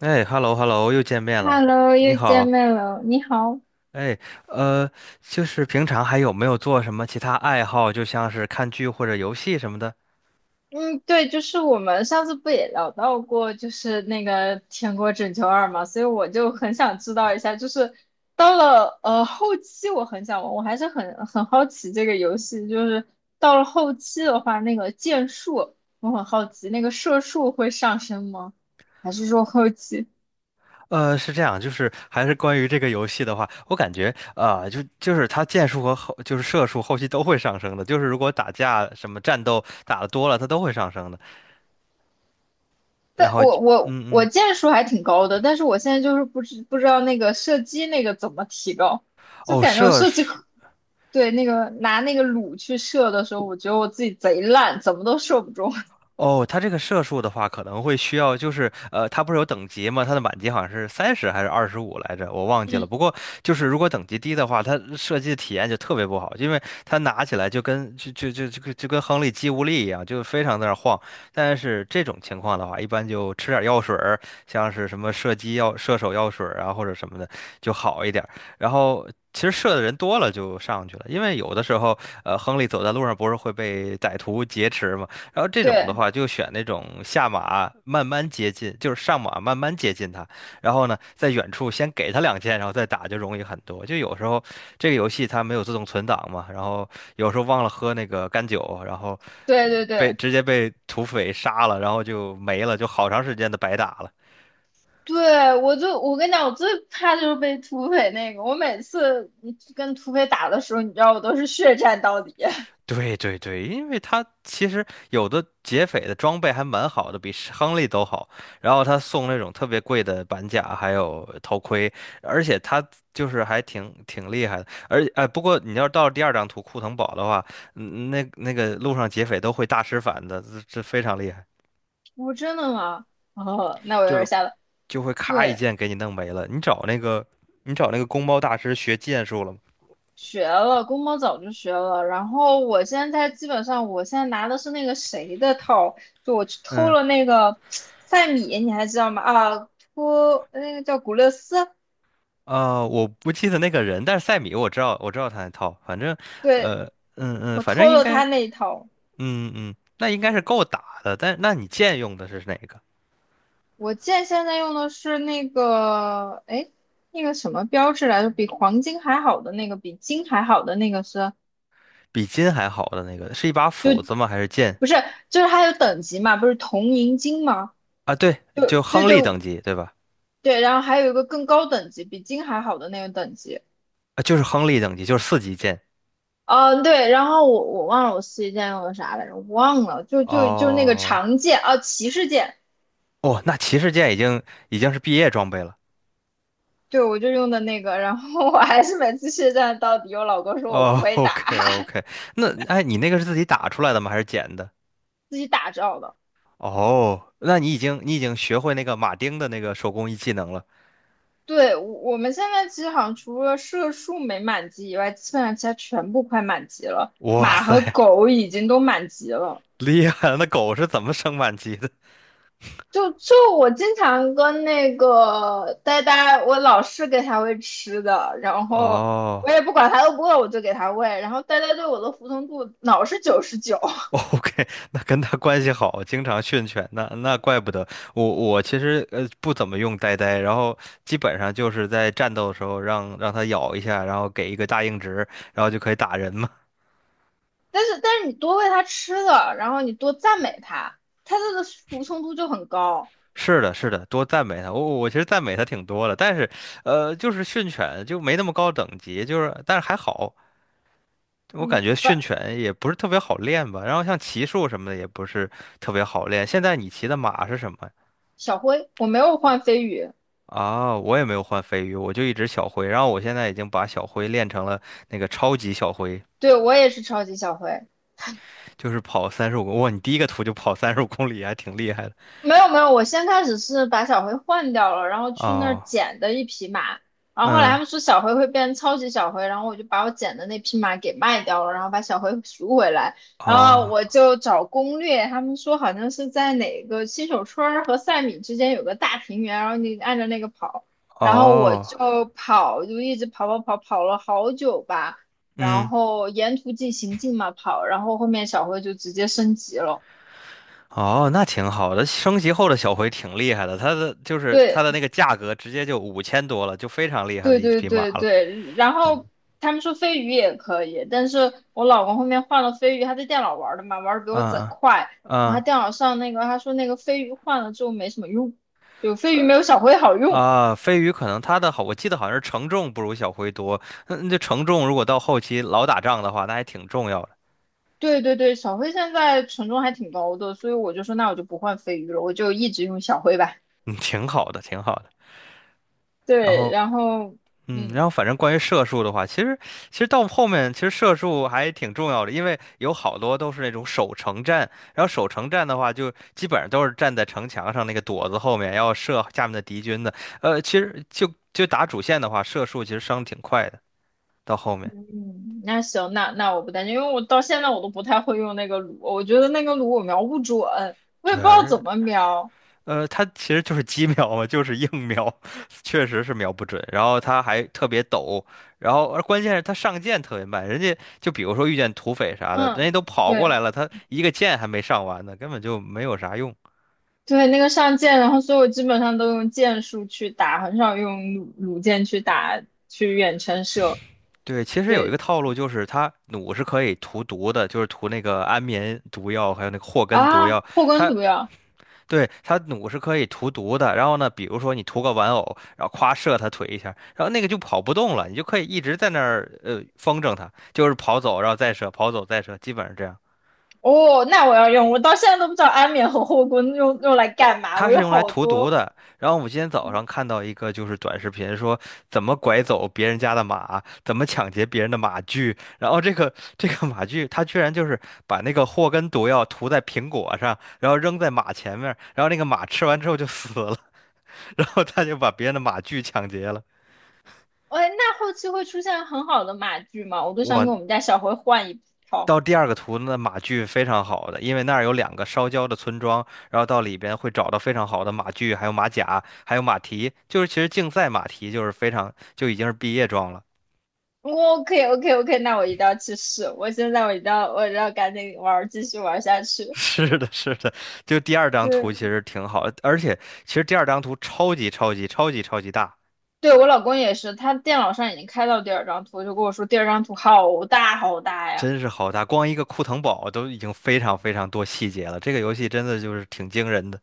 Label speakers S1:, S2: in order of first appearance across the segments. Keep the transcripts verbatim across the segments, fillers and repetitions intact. S1: 哎，hello hello，又见面了，
S2: Hello，
S1: 你
S2: 又见
S1: 好。
S2: 面了，你好。
S1: 哎，呃，就是平常还有没有做什么其他爱好，就像是看剧或者游戏什么的？
S2: 嗯，对，就是我们上次不也聊到过，就是那个《天国拯救二》嘛，所以我就很想知道一下，就是到了呃后期，我很想玩，我还是很很好奇这个游戏，就是到了后期的话，那个剑术，我很好奇，那个射术会上升吗？还是说后期？
S1: 呃，是这样，就是还是关于这个游戏的话，我感觉啊、呃就就是它剑术和后就是射术后期都会上升的，就是如果打架什么战斗打的多了，它都会上升的。然
S2: 但
S1: 后
S2: 我
S1: 就
S2: 我
S1: 嗯
S2: 我
S1: 嗯，
S2: 箭树还挺高的，但是我现在就是不知不知道那个射击那个怎么提高，就
S1: 哦，
S2: 感觉我
S1: 射
S2: 射击
S1: 是。
S2: 可对那个拿那个弩去射的时候，我觉得我自己贼烂，怎么都射不中。
S1: 哦，它这个射术的话，可能会需要，就是呃，它不是有等级吗？它的满级好像是三十还是二十五来着，我忘记了。
S2: 嗯，
S1: 不过就是如果等级低的话，它射击的体验就特别不好，因为它拿起来就跟就就就就跟就跟亨利肌无力一样，就非常在那儿晃。但是这种情况的话，一般就吃点药水儿，像是什么射击药、射手药水儿啊，或者什么的就好一点儿然后。其实射的人多了就上去了，因为有的时候，呃，亨利走在路上不是会被歹徒劫持吗？然后这种的
S2: 对
S1: 话，就选那种下马慢慢接近，就是上马慢慢接近他，然后呢，在远处先给他两箭，然后再打就容易很多。就有时候这个游戏它没有自动存档嘛，然后有时候忘了喝那个干酒，然后
S2: 对对
S1: 被
S2: 对
S1: 直接被土匪杀了，然后就没了，就好长时间的白打了。
S2: 对，我就我跟你讲，我最怕就是被土匪那个。我每次你跟土匪打的时候，你知道我都是血战到底。
S1: 对对对，因为他其实有的劫匪的装备还蛮好的，比是亨利都好。然后他送那种特别贵的板甲，还有头盔，而且他就是还挺挺厉害的。而哎，不过你要到第二张图库腾堡的话，嗯那那个路上劫匪都会大师反的，这这非常厉害，
S2: 我真的吗？哦，那我有
S1: 就
S2: 点
S1: 是
S2: 吓到。
S1: 就会咔一
S2: 对。
S1: 剑给你弄没了。你找那个你找那个公猫大师学剑术了吗？
S2: 学了，公猫早就学了。然后我现在基本上，我现在拿的是那个谁的套，就我去偷
S1: 嗯。
S2: 了那个 赛米，你还知道吗？啊，托那个叫古勒斯，
S1: 呃，我不记得那个人，但是塞米我知道，我知道他那套，反正，
S2: 对，
S1: 呃，嗯嗯，
S2: 我
S1: 反正
S2: 偷
S1: 应
S2: 了
S1: 该，
S2: 他那一套。
S1: 嗯嗯，那应该是够打的。但那你剑用的是哪个？
S2: 我剑现在用的是那个，哎，那个什么标志来着？比黄金还好的那个，比金还好的那个是，
S1: 比金还好的那个，是一把
S2: 就
S1: 斧子吗？还是剑？
S2: 不是，就是还有等级嘛，不是铜银金吗？
S1: 啊，对，
S2: 就
S1: 就
S2: 对
S1: 亨利
S2: 对
S1: 等级，对吧？
S2: 对，然后还有一个更高等级，比金还好的那个等级。
S1: 啊，就是亨利等级，就是四级剑。
S2: 嗯，对，然后我我忘了我四级剑用的啥来着，我忘了，就就就那个
S1: 哦
S2: 长剑啊，骑士剑，
S1: 哦，那骑士剑已经已经是毕业装备了。
S2: 对，我就用的那个，然后我还是每次血战到底，我老公说我不
S1: 哦
S2: 会打，
S1: ，OK OK，那哎，你那个是自己打出来的吗？还是捡的？
S2: 自己打造的。
S1: 哦，那你已经你已经学会那个马丁的那个手工艺技能了。
S2: 对，我我们现在其实好像除了射术没满级以外，基本上其他全部快满级了，
S1: 哇
S2: 马和
S1: 塞，
S2: 狗已经都满级了。
S1: 厉害了！那狗是怎么升满级的？
S2: 就就我经常跟那个呆呆，我老是给他喂吃的，然后
S1: 哦
S2: 我也不管他饿不饿，我就给他喂。然后呆呆对我的服从度老是九十九，
S1: ，OK,那跟它关系好，经常训犬，那那怪不得我我其实呃不怎么用呆呆，然后基本上就是在战斗的时候让让它咬一下，然后给一个大硬直，然后就可以打人嘛。
S2: 但是但是你多喂他吃的，然后你多赞美他，他的服从度就很高。
S1: 是的，是的，多赞美它。我我其实赞美它挺多的，但是呃，就是训犬就没那么高等级，就是但是还好，我感
S2: 嗯，
S1: 觉
S2: 反
S1: 训犬也不是特别好练吧，然后像骑术什么的也不是特别好练。现在你骑的马是什么呀？
S2: 小灰，我没有换飞鱼，
S1: 啊，我也没有换飞鱼，我就一直小灰，然后我现在已经把小灰练成了那个超级小灰，
S2: 对我也是超级小灰。
S1: 就是跑三十五公，哇，你第一个图就跑三十五公里，还挺厉害的。
S2: 没有没有，我先开始是把小灰换掉了，然后去那儿
S1: 哦，
S2: 捡的一匹马，然后后来他
S1: 嗯，
S2: 们说小灰会变超级小灰，然后我就把我捡的那匹马给卖掉了，然后把小灰赎回来，然后
S1: 哦，
S2: 我就找攻略，他们说好像是在哪个新手村儿和赛米之间有个大平原，然后你按照那个跑，然后我
S1: 哦，
S2: 就跑，就一直跑跑跑跑了好久吧，然
S1: 嗯，
S2: 后沿途进行进嘛跑，然后后面小灰就直接升级了，
S1: 哦，那挺好的，升级后的小灰挺厉害的，它的就是
S2: 对。
S1: 它的那个价格直接就五千多了，就非常厉害的
S2: 对
S1: 一
S2: 对
S1: 匹马
S2: 对
S1: 了。
S2: 对，然后他们说飞鱼也可以，但是我老公后面换了飞鱼，他在电脑玩的嘛，玩的比我贼
S1: 嗯嗯
S2: 快，然后他
S1: 嗯。
S2: 电脑上那个他说那个飞鱼换了之后没什么用，有飞鱼没有小灰好用。
S1: 啊，飞鱼可能他的好，我记得好像是承重不如小灰多。那那承重如果到后期老打仗的话，那还挺重要的，
S2: 对对对，小灰现在权重还挺高的，所以我就说那我就不换飞鱼了，我就一直用小灰吧。
S1: 嗯，挺好的，挺好的。然
S2: 对，
S1: 后，
S2: 然后
S1: 嗯，然
S2: 嗯
S1: 后反正关于射术的话，其实其实到后面其实射术还挺重要的，因为有好多都是那种守城战，然后守城战的话，就基本上都是站在城墙上那个垛子后面要射下面的敌军的。呃，其实就就打主线的话，射术其实伤挺快的，到后面。
S2: 嗯，那行，那那我不担心，因为我到现在我都不太会用那个橹，我觉得那个橹我瞄不准，我也
S1: 对
S2: 不知道怎么
S1: 啊，
S2: 瞄。
S1: 呃，它其实就是鸡瞄嘛，就是硬瞄，确实是瞄不准。然后它还特别抖，然后而关键是它上箭特别慢，人家就比如说遇见土匪啥的，人家
S2: 嗯，
S1: 都跑过来
S2: 对。
S1: 了，他一个箭还没上完呢，根本就没有啥用。
S2: 对，那个上剑，然后所以我基本上都用剑术去打，很少用弩弩箭去打，去远程射。
S1: 对，其实有一个
S2: 对
S1: 套路就是它弩是可以涂毒的，就是涂那个安眠毒药，还有那个祸根毒
S2: 啊，
S1: 药。
S2: 后宫
S1: 它
S2: 毒药，
S1: 对，它弩是可以涂毒的，然后呢，比如说你涂个玩偶，然后夸射它腿一下，然后那个就跑不动了，你就可以一直在那儿呃风筝它，就是跑走，然后再射，跑走再射，基本上这样。
S2: 哦，那我要用，我到现在都不知道安眠和后宫用用来干嘛，
S1: 它
S2: 我
S1: 是
S2: 有
S1: 用来
S2: 好
S1: 涂毒
S2: 多。
S1: 的。然后我今天早上看到一个就是短视频，说怎么拐走别人家的马，怎么抢劫别人的马具，然后这个这个马具，它居然就是把那个祸根毒药涂在苹果上，然后扔在马前面，然后那个马吃完之后就死了，然后他就把别人的马具抢劫了。
S2: 哎，那后期会出现很好的马具吗？我都想跟
S1: 我
S2: 我们家小辉换一套。
S1: 到第二个图，那马具非常好的，因为那儿有两个烧焦的村庄，然后到里边会找到非常好的马具，还有马甲，还有马蹄，就是其实竞赛马蹄就是非常就已经是毕业装了。
S2: 我 OK OK OK,那我一定要去试。我现在我一定要我一定要赶紧玩儿，继续玩儿下去。
S1: 是的，是的，就第二张图其
S2: 对，
S1: 实挺好的，而且其实第二张图超级超级超级超级大，
S2: 对我老公也是，他电脑上已经开到第二张图，就跟我说第二张图好大好大呀。
S1: 真是好大，光一个库腾堡都已经非常非常多细节了，这个游戏真的就是挺惊人的。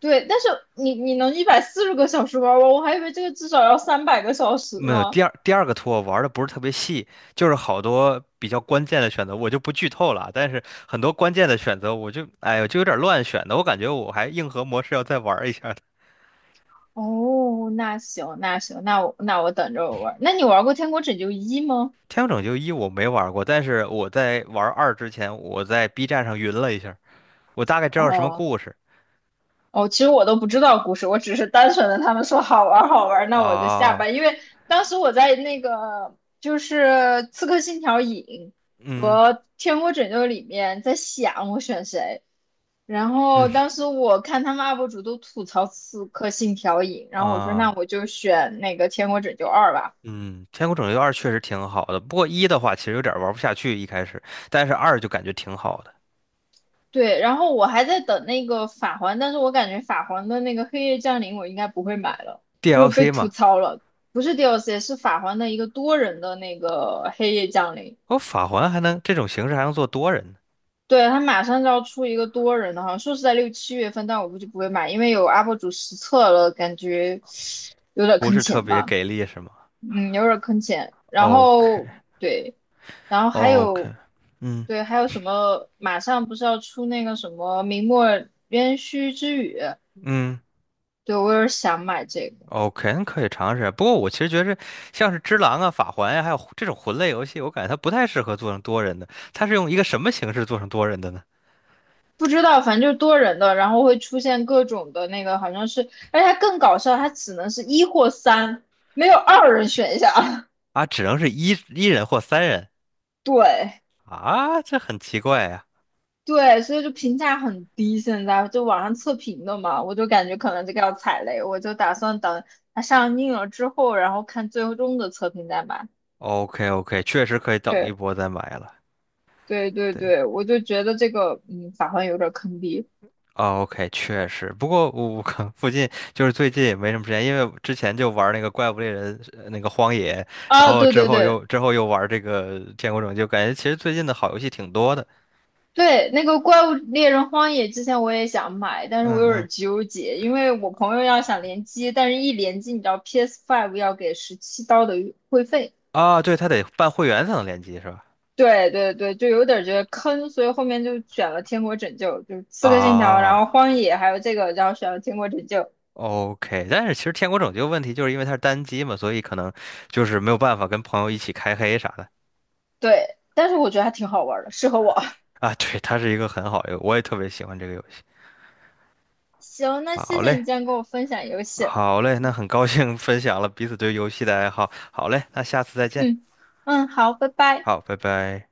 S2: 对，但是你你能一百四十个小时玩完，我还以为这个至少要三百个小时
S1: 没有，
S2: 呢。
S1: 第二第二个图我玩的不是特别细，就是好多比较关键的选择，我就不剧透了。但是很多关键的选择，我就哎呦就有点乱选的，我感觉我还硬核模式要再玩一下的。
S2: 哦，那行那行，那我那我等着我玩。那你玩过《天国拯救一》吗？
S1: 天空拯救一我没玩过，但是我在玩二之前，我在 B 站上云了一下，我大概知道什么
S2: 哦，
S1: 故事。
S2: 哦，其实我都不知道故事，我只是单纯的他们说好玩儿好玩儿那我就下吧。
S1: 啊，
S2: 因为当时我在那个就是《刺客信条：影》
S1: 嗯
S2: 和《天国拯救》里面在想我选谁，然后
S1: 嗯
S2: 当时我看他们 U P 主都吐槽《刺客信条：影》，然后我说那
S1: 啊
S2: 我就选那个《天国拯救二》吧。
S1: 嗯，天空拯救二确实挺好的，不过一的话其实有点玩不下去一开始，但是二就感觉挺好的。
S2: 对，然后我还在等那个法环，但是我感觉法环的那个黑夜降临我应该不会买了，因为我被
S1: D L C 嘛。
S2: 吐槽了。不是 D L C,是法环的一个多人的那个黑夜降临。
S1: 哦，法环还能这种形式还能做多人呢，
S2: 对，他马上就要出一个多人的，好像说是在六七月份，但我估计不会买，因为有 U P 主实测了，感觉有点
S1: 不
S2: 坑
S1: 是特
S2: 钱
S1: 别
S2: 吧，
S1: 给力是吗
S2: 嗯，有点坑钱。然
S1: ？OK
S2: 后对，然后还有
S1: OK，嗯
S2: 对，还有什么？马上不是要出那个什么明末渊虚之雨？
S1: 嗯
S2: 对，我有点想买这个，
S1: ，OK 可以尝试。不过我其实觉得像是只狼啊、法环呀、还有魂这种魂类游戏，我感觉它不太适合做成多人的。它是用一个什么形式做成多人的呢？
S2: 不知道，反正就是多人的，然后会出现各种的那个，好像是，而且它更搞笑，它只能是一或三，没有二人选项。
S1: 啊，只能是一一人或三人。
S2: 对
S1: 啊，这很奇怪呀、
S2: 对，所以就评价很低，现在就网上测评的嘛，我就感觉可能这个要踩雷，我就打算等它上映了之后，然后看最终的测评再买。
S1: OK OK，确实可以等一
S2: 对
S1: 波再买了。
S2: 对对
S1: 对。
S2: 对，我就觉得这个，嗯，法环有点坑爹。
S1: 哦，OK，确实。不过我我 可附近就是最近也没什么时间，因为之前就玩那个怪物猎人呃那个荒野，然
S2: 啊，
S1: 后
S2: 对
S1: 之
S2: 对
S1: 后
S2: 对。
S1: 又之后又玩这个天国拯救，感觉其实最近的好游戏挺多的。
S2: 对，那个《怪物猎人荒野》之前我也想买，但是
S1: 嗯
S2: 我有
S1: 嗯。
S2: 点纠结，因为我朋友要想联机，但是一联机，你知道 P S 五 要给十七刀的会费，
S1: 啊，对，他得办会员才能联机是吧？
S2: 对对对，就有点觉得坑，所以后面就选了《天国拯救》，就是《刺客信条》，然
S1: 啊
S2: 后《荒野》，还有这个，然后选了《天国拯救》。
S1: 哦，OK。但是其实《天国拯救》问题就是因为它是单机嘛，所以可能就是没有办法跟朋友一起开黑啥的。
S2: 对，但是我觉得还挺好玩的，适合我。
S1: 啊，对，它是一个很好的，我也特别喜欢这个游戏。
S2: 行，那
S1: 好
S2: 谢谢你
S1: 嘞。
S2: 今天跟我分享游戏。
S1: 好嘞，那很高兴分享了彼此对游戏的爱好。好嘞，那下次再见。
S2: 嗯嗯，好，拜拜。
S1: 好，拜拜。